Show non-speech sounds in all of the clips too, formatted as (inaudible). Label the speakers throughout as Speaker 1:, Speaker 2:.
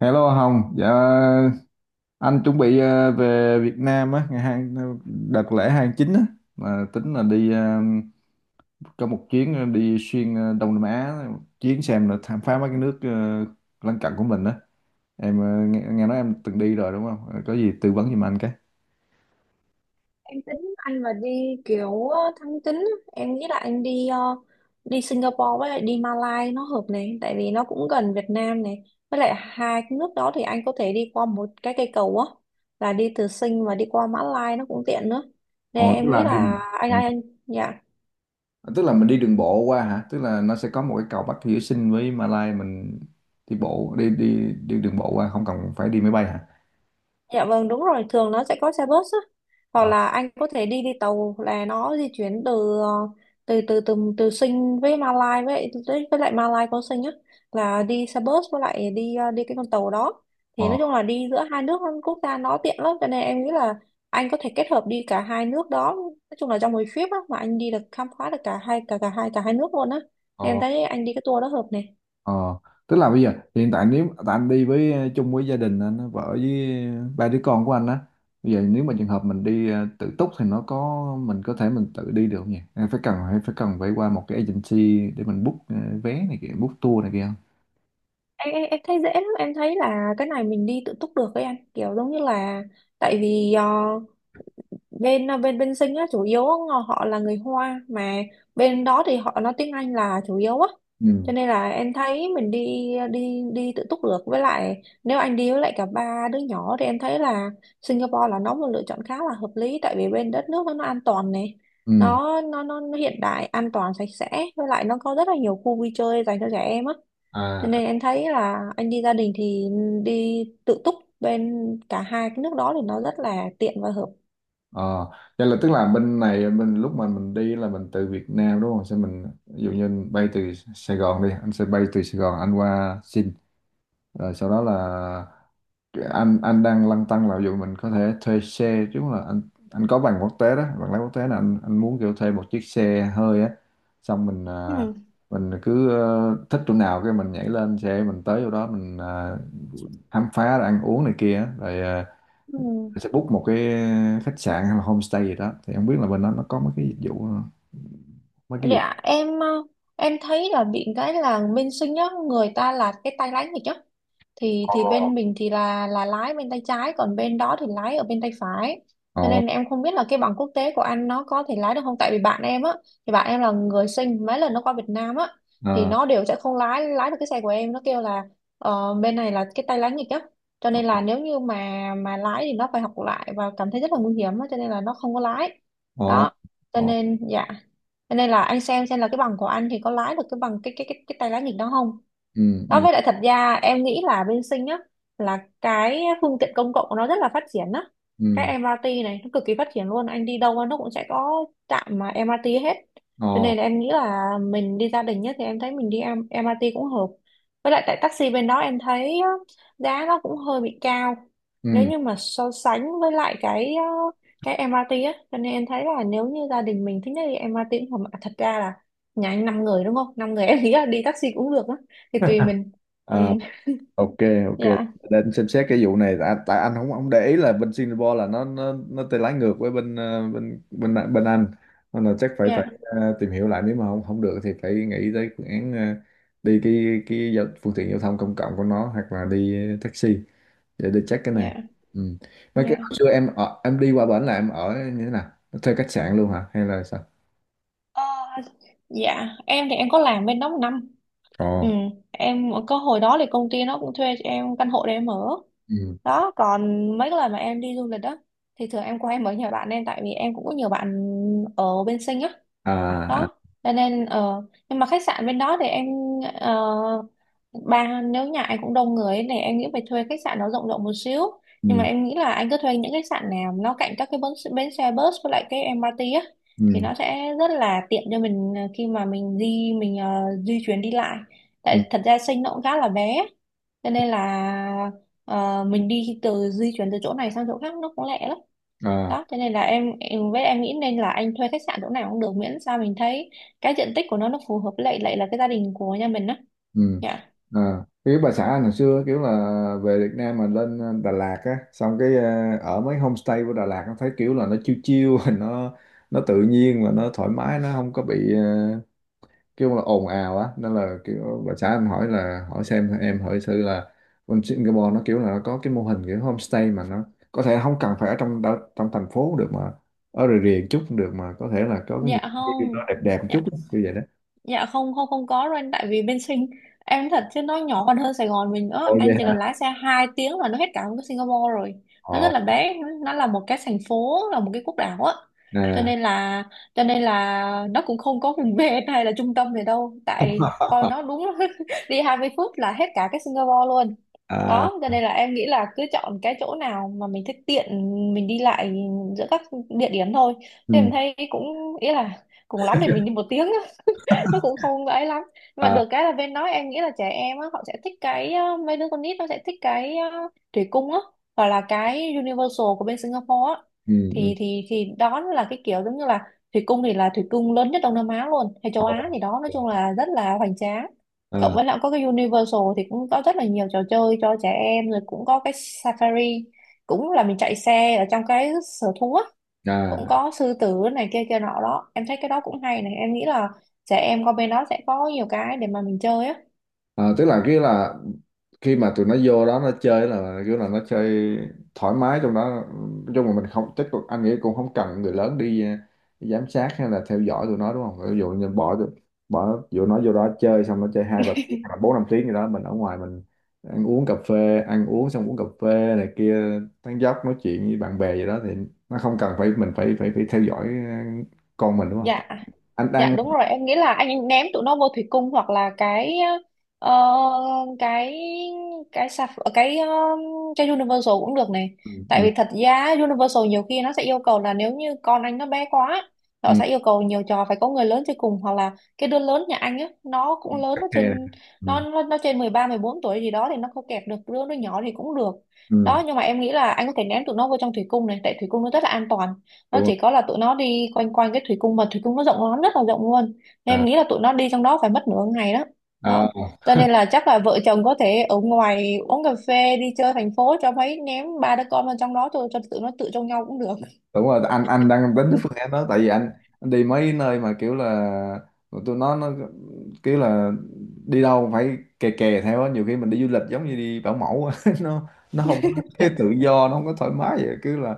Speaker 1: Hello Hồng, dạ, anh chuẩn bị về Việt Nam á, ngày hai đợt lễ 29 á, mà tính là đi có một chuyến đi xuyên Đông Nam Á, chuyến xem là khám phá mấy cái nước lân cận của mình á. Em nghe nói em từng đi rồi đúng không? Ờ, Có gì tư vấn giùm anh cái.
Speaker 2: Em tính anh mà đi kiểu tháng 9 á. Em nghĩ là anh đi đi Singapore với lại đi Malaysia nó hợp này, tại vì nó cũng gần Việt Nam này. Với lại hai cái nước đó thì anh có thể đi qua một cái cây cầu á, là đi từ Sing và đi qua Mã Lai nó cũng tiện nữa, nên
Speaker 1: Ồ, tức
Speaker 2: em nghĩ
Speaker 1: là đi
Speaker 2: là anh
Speaker 1: ừ.
Speaker 2: anh, anh Dạ,
Speaker 1: Tức là mình đi đường bộ qua hả? Tức là nó sẽ có một cái cầu Bắc Hữu Sinh với Malai, mình đi đường bộ qua, không cần phải đi máy bay hả?
Speaker 2: dạ vâng đúng rồi, thường nó sẽ có xe bus á, hoặc
Speaker 1: Ờ.
Speaker 2: là anh có thể đi đi tàu, là nó di chuyển từ ờ, từ từ từ từ Sing với Malai, với lại Malai có Sing á, là đi xe bus với lại đi đi cái con tàu đó. Thì nói chung là đi giữa hai nước quốc gia nó tiện lắm, cho nên em nghĩ là anh có thể kết hợp đi cả hai nước đó, nói chung là trong một trip á, mà anh đi được, khám phá được cả hai nước luôn á. Em
Speaker 1: Ờ.
Speaker 2: thấy anh đi cái tour đó hợp này.
Speaker 1: Ờ, tức là bây giờ hiện tại nếu tại anh đi với chung với gia đình anh, vợ với ba đứa con của anh á, bây giờ nếu mà trường hợp mình đi tự túc thì nó có mình có thể mình tự đi được không nhỉ, hay phải cần, hay phải qua một cái agency để mình book vé này kia, book tour này kia không?
Speaker 2: Em thấy dễ lắm, em thấy là cái này mình đi tự túc được ấy anh, kiểu giống như là tại vì bên ờ, bên bên Sinh á chủ yếu họ họ là người Hoa, mà bên đó thì họ nói tiếng Anh là chủ yếu á,
Speaker 1: Ừ.
Speaker 2: cho nên là em thấy mình đi đi đi tự túc được. Với lại nếu anh đi với lại cả ba đứa nhỏ thì em thấy là Singapore là nó một lựa chọn khá là hợp lý, tại vì bên đất nước nó an toàn này,
Speaker 1: Ừ.
Speaker 2: nó hiện đại, an toàn, sạch sẽ, với lại nó có rất là nhiều khu vui chơi dành cho trẻ em á. Cho
Speaker 1: À.
Speaker 2: nên em thấy là anh đi gia đình thì đi tự túc bên cả hai cái nước đó thì nó rất là tiện và hợp.
Speaker 1: Ờ. Vậy là tức là bên này mình lúc mà mình đi là mình từ Việt Nam đúng không, sẽ mình ví dụ như bay từ Sài Gòn đi, anh sẽ bay từ Sài Gòn anh qua Sing, rồi sau đó là anh đang lăn tăn là dù mình có thể thuê xe chứ, là anh có bằng quốc tế đó, bằng lái quốc tế, là anh muốn kiểu thuê một chiếc xe hơi á, xong mình
Speaker 2: Ừ.
Speaker 1: mình cứ thích chỗ nào cái mình nhảy lên xe mình tới chỗ đó, mình khám phá rồi ăn uống này kia á. Rồi
Speaker 2: Ừ.
Speaker 1: mình sẽ book một cái khách sạn hay là homestay gì đó, thì không biết là bên đó nó có mấy cái dịch vụ mấy cái dịch vụ.
Speaker 2: Dạ, em thấy là bị cái là bên sinh nhá, người ta là cái tay lái nghịch á. thì
Speaker 1: Ồ.
Speaker 2: thì bên mình thì là lái bên tay trái, còn bên đó thì lái ở bên tay phải, cho nên em không biết là cái bằng quốc tế của anh nó có thể lái được không, tại vì bạn em á, thì bạn em là người sinh, mấy lần nó qua Việt Nam á thì
Speaker 1: Ờ.
Speaker 2: nó đều sẽ không lái lái được cái xe của em, nó kêu là bên này là cái tay lái nghịch á, cho nên là
Speaker 1: Ồ.
Speaker 2: nếu như mà lái thì nó phải học lại và cảm thấy rất là nguy hiểm á, cho nên là nó không có lái
Speaker 1: Ồ.
Speaker 2: đó. Cho
Speaker 1: Ồ.
Speaker 2: nên dạ, cho nên là anh xem là cái bằng của anh thì có lái được cái bằng cái tay lái nghịch đó không?
Speaker 1: Ừ.
Speaker 2: Đó,
Speaker 1: Ừ.
Speaker 2: với lại thật ra em nghĩ là bên Sinh á là cái phương tiện công cộng của nó rất là phát triển á. Cái
Speaker 1: Ừ.
Speaker 2: MRT này nó cực kỳ phát triển luôn, anh đi đâu nó cũng sẽ có trạm mà em MRT hết. Cho
Speaker 1: Ồ.
Speaker 2: nên là em nghĩ là mình đi gia đình nhất thì em thấy mình đi em- MRT cũng hợp. Với lại tại taxi bên đó em thấy á, giá nó cũng hơi bị cao. Nếu
Speaker 1: Ừ.
Speaker 2: như mà so sánh với lại cái cái MRT á, cho nên em thấy là nếu như gia đình mình thích nhất đi MRT cũng hợp. Mà thật ra là nhà anh 5 người đúng không? Năm người em nghĩ là đi taxi cũng được á, thì tùy mình. Ừ.
Speaker 1: À. OK. OK.
Speaker 2: Dạ.
Speaker 1: Để anh xem xét cái vụ này, tại anh không không để ý là bên Singapore là nó tay lái ngược với bên bên Anh, nên là chắc phải phải
Speaker 2: Dạ.
Speaker 1: tìm hiểu lại, nếu mà không không được thì phải nghĩ tới phương án đi phương tiện giao thông công cộng của nó, hoặc là đi taxi, để đi check cái này.
Speaker 2: Dạ.
Speaker 1: Ừ. Mấy cái hồi
Speaker 2: Dạ.
Speaker 1: xưa em ở, em đi qua bển là em ở như thế nào, thuê khách sạn luôn hả hay là sao?
Speaker 2: Ờ, dạ em thì em có làm bên đó một năm. Ừ,
Speaker 1: Ồ.
Speaker 2: em có hồi đó thì công ty nó cũng thuê cho em căn hộ để em ở
Speaker 1: Ừ.
Speaker 2: đó. Còn mấy cái lần mà em đi du lịch đó thì thường em qua em ở nhà bạn em, tại vì em cũng có nhiều bạn ở bên Sinh á.
Speaker 1: À. À.
Speaker 2: Đó, cho nên nhưng mà khách sạn bên đó thì em, ờ, ba, nếu nhà anh cũng đông người ấy, thì em nghĩ phải thuê khách sạn nó rộng rộng một xíu. Nhưng mà
Speaker 1: Ừ.
Speaker 2: em nghĩ là anh cứ thuê những khách sạn nào nó cạnh các cái bến xe bus với lại cái em MRT á, thì
Speaker 1: Ừ.
Speaker 2: nó sẽ rất là tiện cho mình khi mà mình di chuyển đi lại. Tại
Speaker 1: Ừ.
Speaker 2: thật ra Sinh nó cũng khá là bé, cho nên là mình đi từ di chuyển từ chỗ này sang chỗ khác nó cũng lẹ lắm
Speaker 1: À.
Speaker 2: đó. Thế nên là em với em nghĩ nên là anh thuê khách sạn chỗ nào cũng được, miễn sao mình thấy cái diện tích của nó phù hợp với lại lại là cái gia đình của nhà mình á.
Speaker 1: Ừ.
Speaker 2: Dạ.
Speaker 1: À, kiểu bà xã anh hồi xưa kiểu là về Việt Nam mà lên Đà Lạt á, xong cái ở mấy homestay của Đà Lạt nó thấy kiểu là nó chill chill (laughs) nó nó tự nhiên và nó thoải mái, nó không có bị kiểu là ồn ào á, nên là kiểu bà xã em hỏi là, hỏi xem em hỏi thử là bên Singapore nó kiểu là nó có cái mô hình kiểu homestay mà nó có thể không cần phải ở trong trong thành phố được, mà ở rìa rìa chút cũng được, mà có thể là có cái những
Speaker 2: Dạ.
Speaker 1: cái nó
Speaker 2: Không.
Speaker 1: đẹp đẹp một
Speaker 2: Dạ.
Speaker 1: chút á, kiểu vậy đó.
Speaker 2: Dạ, không không không có đâu anh, tại vì bên Sing em thật chứ nó nhỏ còn hơn Sài Gòn mình nữa,
Speaker 1: Ồ vậy
Speaker 2: anh chỉ cần
Speaker 1: hả?
Speaker 2: lái xe 2 tiếng là nó hết cả một cái Singapore rồi. Nó
Speaker 1: Ồ.
Speaker 2: rất là bé, nó là một cái thành phố, là một cái quốc đảo á, cho
Speaker 1: Nè.
Speaker 2: nên là nó cũng không có vùng (laughs) ven hay là trung tâm gì đâu, tại con
Speaker 1: (laughs)
Speaker 2: nó đúng (laughs) đi 20 phút là hết cả cái Singapore luôn
Speaker 1: À.
Speaker 2: đó. Cho nên là em nghĩ là cứ chọn cái chỗ nào mà mình thích, tiện mình đi lại giữa các địa điểm thôi, thì em
Speaker 1: Ừ.
Speaker 2: thấy cũng ý là cùng lắm thì mình đi một tiếng (laughs) nó cũng không ấy lắm. Nhưng mà
Speaker 1: À.
Speaker 2: được cái là bên đó em nghĩ là trẻ em á họ sẽ thích cái mấy đứa con nít nó sẽ thích cái thủy cung á, hoặc là cái Universal của bên Singapore á,
Speaker 1: Ừ. Ừ.
Speaker 2: thì đó là cái kiểu giống như là thủy cung thì là thủy cung lớn nhất Đông Nam Á luôn, hay
Speaker 1: Ờ.
Speaker 2: châu Á gì đó, nói chung là rất là hoành tráng. Cộng
Speaker 1: Ờ.
Speaker 2: với lại có cái Universal thì cũng có rất là nhiều trò chơi cho trẻ em, rồi cũng có cái Safari, cũng là mình chạy xe ở trong cái sở thú á,
Speaker 1: À. À.
Speaker 2: cũng có sư tử này kia kia nọ đó. Em thấy cái đó cũng hay này, em nghĩ là trẻ em qua bên đó sẽ có nhiều cái để mà mình chơi á.
Speaker 1: Ờ, tức là cái là khi mà tụi nó vô đó nó chơi là kiểu là nó chơi thoải mái trong đó, trong mà mình không chắc anh nghĩ cũng không cần người lớn đi, giám sát hay là theo dõi tụi nó đúng không, ví dụ như bỏ dụ nó vô đó chơi xong nó chơi 2-3 tiếng hoặc là 4-5 tiếng gì đó, mình ở ngoài mình ăn uống cà phê, ăn uống xong uống cà phê này kia, tán dóc nói chuyện với bạn bè gì đó, thì nó không cần phải mình phải phải phải theo dõi con mình đúng không?
Speaker 2: Dạ,
Speaker 1: Anh
Speaker 2: dạ
Speaker 1: đang-
Speaker 2: đúng rồi, em nghĩ là anh ném tụi nó vô thủy cung, hoặc là cái ờ, cái cái sạp cái ờ, cái Universal cũng được này.
Speaker 1: Ừ.
Speaker 2: Tại
Speaker 1: Ừ.
Speaker 2: vì thật ra Universal nhiều khi nó sẽ yêu cầu là nếu như con anh nó bé quá
Speaker 1: Ừ.
Speaker 2: nó sẽ yêu cầu nhiều trò phải có người lớn chơi cùng, hoặc là cái đứa lớn nhà anh á nó cũng lớn,
Speaker 1: OK này. Ừ.
Speaker 2: nó trên mười ba mười bốn tuổi gì đó thì nó không kẹp được đứa nó nhỏ thì cũng được
Speaker 1: Ừ.
Speaker 2: đó. Nhưng mà em nghĩ là anh có thể ném tụi nó vô trong thủy cung này, tại thủy cung nó rất là an toàn, nó
Speaker 1: Đúng rồi.
Speaker 2: chỉ có là tụi nó đi quanh quanh cái thủy cung, mà thủy cung nó rộng lắm, rất là rộng luôn, nên em
Speaker 1: À.
Speaker 2: nghĩ là tụi nó đi trong đó phải mất nửa ngày đó. Đó,
Speaker 1: À.
Speaker 2: cho nên là chắc là vợ chồng có thể ở ngoài uống cà phê, đi chơi thành phố, cho mấy ném ba đứa con vào trong đó cho tụi nó tự trông nhau cũng được.
Speaker 1: Đúng rồi. Anh đang tính cái phương
Speaker 2: (laughs)
Speaker 1: án đó tại vì anh đi mấy nơi mà kiểu là tụi nó kiểu là đi đâu cũng phải kè kè theo á, nhiều khi mình đi du lịch giống như đi bảo mẫu á. (laughs) Nó không có cái tự do, nó không có thoải mái, vậy cứ là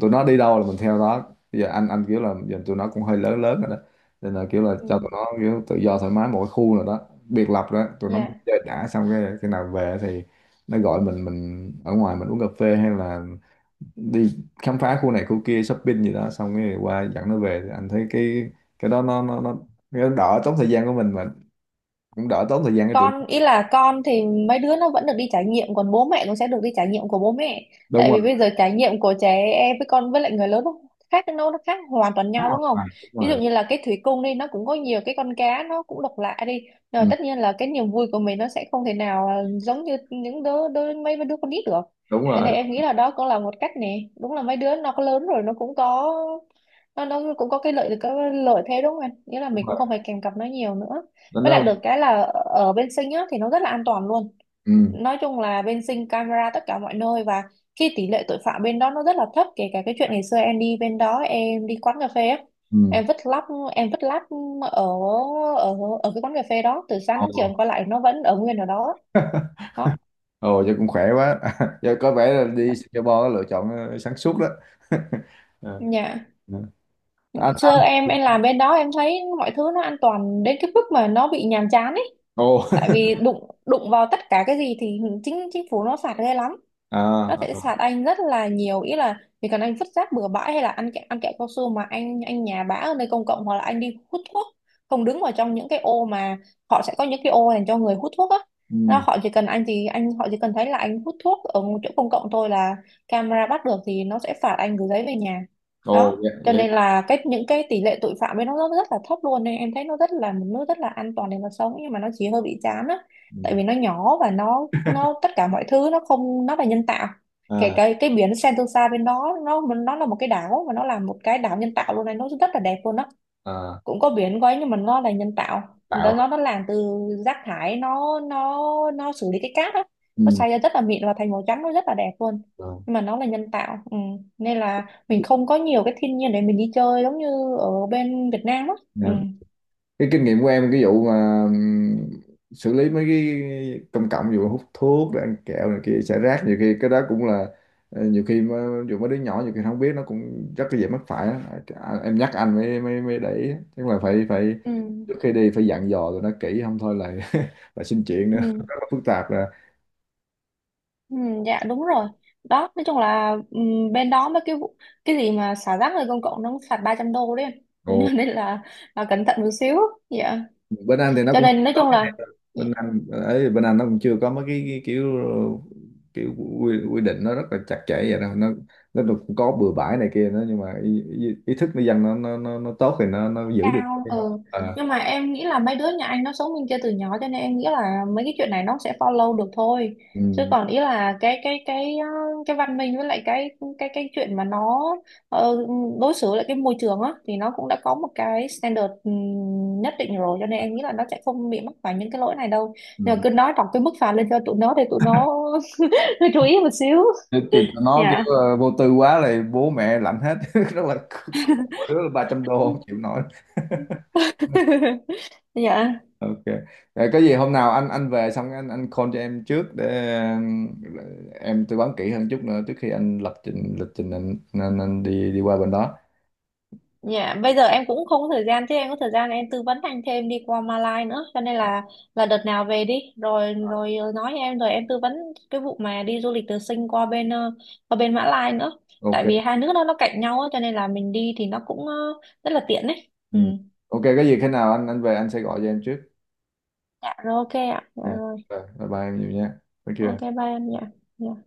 Speaker 1: tụi nó đi đâu là mình theo đó. Bây giờ anh kiểu là giờ tụi nó cũng hơi lớn lớn rồi đó, nên là kiểu là
Speaker 2: Ừ.
Speaker 1: cho tụi nó kiểu tự do thoải mái một cái khu nào đó biệt lập rồi đó, tụi nó muốn
Speaker 2: Yeah,
Speaker 1: chơi đã, xong cái khi nào về thì nó gọi mình ở ngoài mình uống cà phê hay là đi khám phá khu này khu kia shopping gì đó, xong cái qua dẫn nó về, thì anh thấy cái đó nó cái đó đỡ tốn thời gian của mình mà cũng đỡ tốn thời gian cho tụi nó.
Speaker 2: con ý là con thì mấy đứa nó vẫn được đi trải nghiệm, còn bố mẹ cũng sẽ được đi trải nghiệm của bố mẹ.
Speaker 1: Đúng
Speaker 2: Tại
Speaker 1: rồi.
Speaker 2: vì bây giờ trải nghiệm của trẻ em với con với lại người lớn nó khác, nó khác hoàn toàn
Speaker 1: Đúng
Speaker 2: nhau đúng không?
Speaker 1: rồi. Đúng
Speaker 2: Ví dụ
Speaker 1: rồi.
Speaker 2: như là cái thủy cung đi nó cũng có nhiều cái con cá nó cũng độc lạ đi, rồi
Speaker 1: Ừ.
Speaker 2: tất nhiên là cái niềm vui của mình nó sẽ không thể nào, à, giống như những đứa đứa mấy đứa con nít được.
Speaker 1: Đúng
Speaker 2: Cho
Speaker 1: rồi.
Speaker 2: nên em nghĩ là đó cũng là một cách nè, đúng là mấy đứa nó có lớn rồi nó cũng có nó cũng có cái lợi thế đúng không anh, nghĩa là
Speaker 1: Đúng
Speaker 2: mình cũng
Speaker 1: rồi.
Speaker 2: không phải kèm cặp nó nhiều nữa.
Speaker 1: nó
Speaker 2: Với lại
Speaker 1: nó
Speaker 2: được cái là ở bên Sinh á, thì nó rất là an toàn luôn.
Speaker 1: Ừ.
Speaker 2: Nói chung là bên Sinh camera tất cả mọi nơi và khi tỷ lệ tội phạm bên đó nó rất là thấp. Kể cả cái chuyện ngày xưa em đi bên đó, em đi quán cà phê á.
Speaker 1: Ừ.
Speaker 2: Em vứt lắp, em vứt lắp ở ở ở cái quán cà phê đó từ sáng đến chiều
Speaker 1: Ồ.
Speaker 2: em quay lại nó vẫn ở nguyên ở đó. Đó,
Speaker 1: Ồ vậy cũng khỏe quá. (laughs) Giờ có vẻ là đi Singapore lựa chọn sáng suốt đó. (laughs) Ờ.
Speaker 2: nhà
Speaker 1: Ờ. anh
Speaker 2: xưa
Speaker 1: anh
Speaker 2: em làm bên đó em thấy mọi thứ nó an toàn đến cái mức mà nó bị nhàm chán ấy.
Speaker 1: Ồ.
Speaker 2: Tại vì đụng đụng vào tất cả cái gì thì chính chính phủ nó phạt ghê lắm,
Speaker 1: (laughs)
Speaker 2: nó
Speaker 1: À.
Speaker 2: sẽ
Speaker 1: À.
Speaker 2: phạt anh rất là nhiều, ý là chỉ cần anh vứt rác bừa bãi hay là ăn kẹo cao su mà anh nhà bã ở nơi công cộng, hoặc là anh đi hút thuốc không đứng vào trong những cái ô mà họ sẽ có những cái ô dành cho người hút thuốc á. Nó
Speaker 1: Ừ.
Speaker 2: họ chỉ cần anh thì anh Họ chỉ cần thấy là anh hút thuốc ở một chỗ công cộng thôi là camera bắt được, thì nó sẽ phạt anh gửi giấy về nhà.
Speaker 1: Ồ
Speaker 2: Đó,
Speaker 1: vậy,
Speaker 2: cho
Speaker 1: vậy.
Speaker 2: nên là những cái tỷ lệ tội phạm ấy nó rất là thấp luôn, nên em thấy nó rất là một nước rất là an toàn để mà sống, nhưng mà nó chỉ hơi bị chán á. Tại
Speaker 1: Ừ.
Speaker 2: vì nó nhỏ và nó
Speaker 1: (laughs)
Speaker 2: tất cả mọi thứ nó không, nó là nhân tạo. Kể
Speaker 1: À.
Speaker 2: cái biển Sentosa bên đó nó là một cái đảo, mà nó là một cái đảo nhân tạo luôn này, nó rất là đẹp luôn á.
Speaker 1: À.
Speaker 2: Cũng có biển quấy nhưng mà nó là nhân tạo, nó
Speaker 1: Tạo.
Speaker 2: nó nó làm từ rác thải, nó xử lý cái cát á. Nó
Speaker 1: Ừ.
Speaker 2: xay ra rất là mịn và thành màu trắng, nó rất là đẹp luôn,
Speaker 1: Ờ.
Speaker 2: nhưng mà nó là nhân tạo. Ừ. Nên là mình không có nhiều cái thiên nhiên để mình đi chơi giống như ở bên Việt Nam á. Ừ.
Speaker 1: Ừ. Cái kinh nghiệm của em cái vụ mà xử lý mấy cái công cộng vụ hút thuốc rồi ăn kẹo này kia xả rác, nhiều khi cái đó cũng là nhiều khi mà, dù mấy đứa nhỏ nhiều khi nó không biết nó cũng rất là dễ mắc phải á. À, em nhắc anh mới mới mới để ý á. Chứ mà phải phải
Speaker 2: Ừ.
Speaker 1: trước khi đi phải dặn dò tụi nó kỹ, không thôi là (laughs) là xin chuyện nữa, rất
Speaker 2: Ừ.
Speaker 1: là phức tạp.
Speaker 2: Ừ. Dạ, đúng rồi. Đó, nói chung là ừ, bên đó mấy cái cái gì mà xả rác nơi công cộng nó cũng phạt 300 đô đấy em.
Speaker 1: Rồi,
Speaker 2: (laughs) Nên là, cẩn thận một xíu. Dạ.
Speaker 1: bên Anh thì nó
Speaker 2: Cho
Speaker 1: cũng
Speaker 2: nên nói
Speaker 1: có
Speaker 2: chung
Speaker 1: cái
Speaker 2: là
Speaker 1: này rồi. Bên Anh ấy, bên Anh nó cũng chưa có mấy cái kiểu kiểu quy định nó rất là chặt chẽ vậy đâu, nó cũng có bừa bãi này kia nữa, nhưng mà ý thức người dân nó tốt thì nó giữ được
Speaker 2: cao.
Speaker 1: cái không
Speaker 2: Ừ.
Speaker 1: à.
Speaker 2: Nhưng mà em nghĩ là mấy đứa nhà anh nó sống bên kia từ nhỏ, cho nên em nghĩ là mấy cái chuyện này nó sẽ follow được thôi. Chứ
Speaker 1: Ừ.
Speaker 2: còn ý là cái văn minh, với lại cái chuyện mà nó ờ, đối xử lại cái môi trường á, thì nó cũng đã có một cái standard nhất định rồi, cho nên em nghĩ là nó sẽ không bị mắc phải những cái lỗi này đâu.
Speaker 1: Ừ.
Speaker 2: Nhưng mà cứ nói đọc cái mức phạt lên cho tụi nó để tụi nó (laughs) chú ý một xíu.
Speaker 1: Chứ tụi nó kiểu
Speaker 2: Dạ.
Speaker 1: vô tư quá là bố mẹ lạnh hết (laughs) rất là khổ, mỗi đứa là 300 đô không chịu nổi.
Speaker 2: (laughs) Dạ.
Speaker 1: OK. Rồi, có gì hôm nào anh về xong anh call cho em trước để em tư vấn kỹ hơn chút nữa trước khi anh lập trình lịch trình, anh đi đi qua bên đó.
Speaker 2: Dạ, bây giờ em cũng không có thời gian, chứ em có thời gian em tư vấn anh thêm đi qua Malai nữa, cho nên là đợt nào về đi rồi rồi nói em, rồi em tư vấn cái vụ mà đi du lịch từ Sing qua bên Mã Lai nữa.
Speaker 1: OK.
Speaker 2: Tại vì hai nước đó nó cạnh nhau á, cho nên là mình đi thì nó cũng rất là tiện đấy. Ừ.
Speaker 1: Ừ. OK, có gì khi nào anh về anh sẽ gọi cho em trước.
Speaker 2: Dạ rồi, ok ạ. Dạ
Speaker 1: Yeah.
Speaker 2: rồi.
Speaker 1: Rồi, bye bye em nhiều nha, thank you em.
Speaker 2: Ok, bye em. Dạ. Dạ.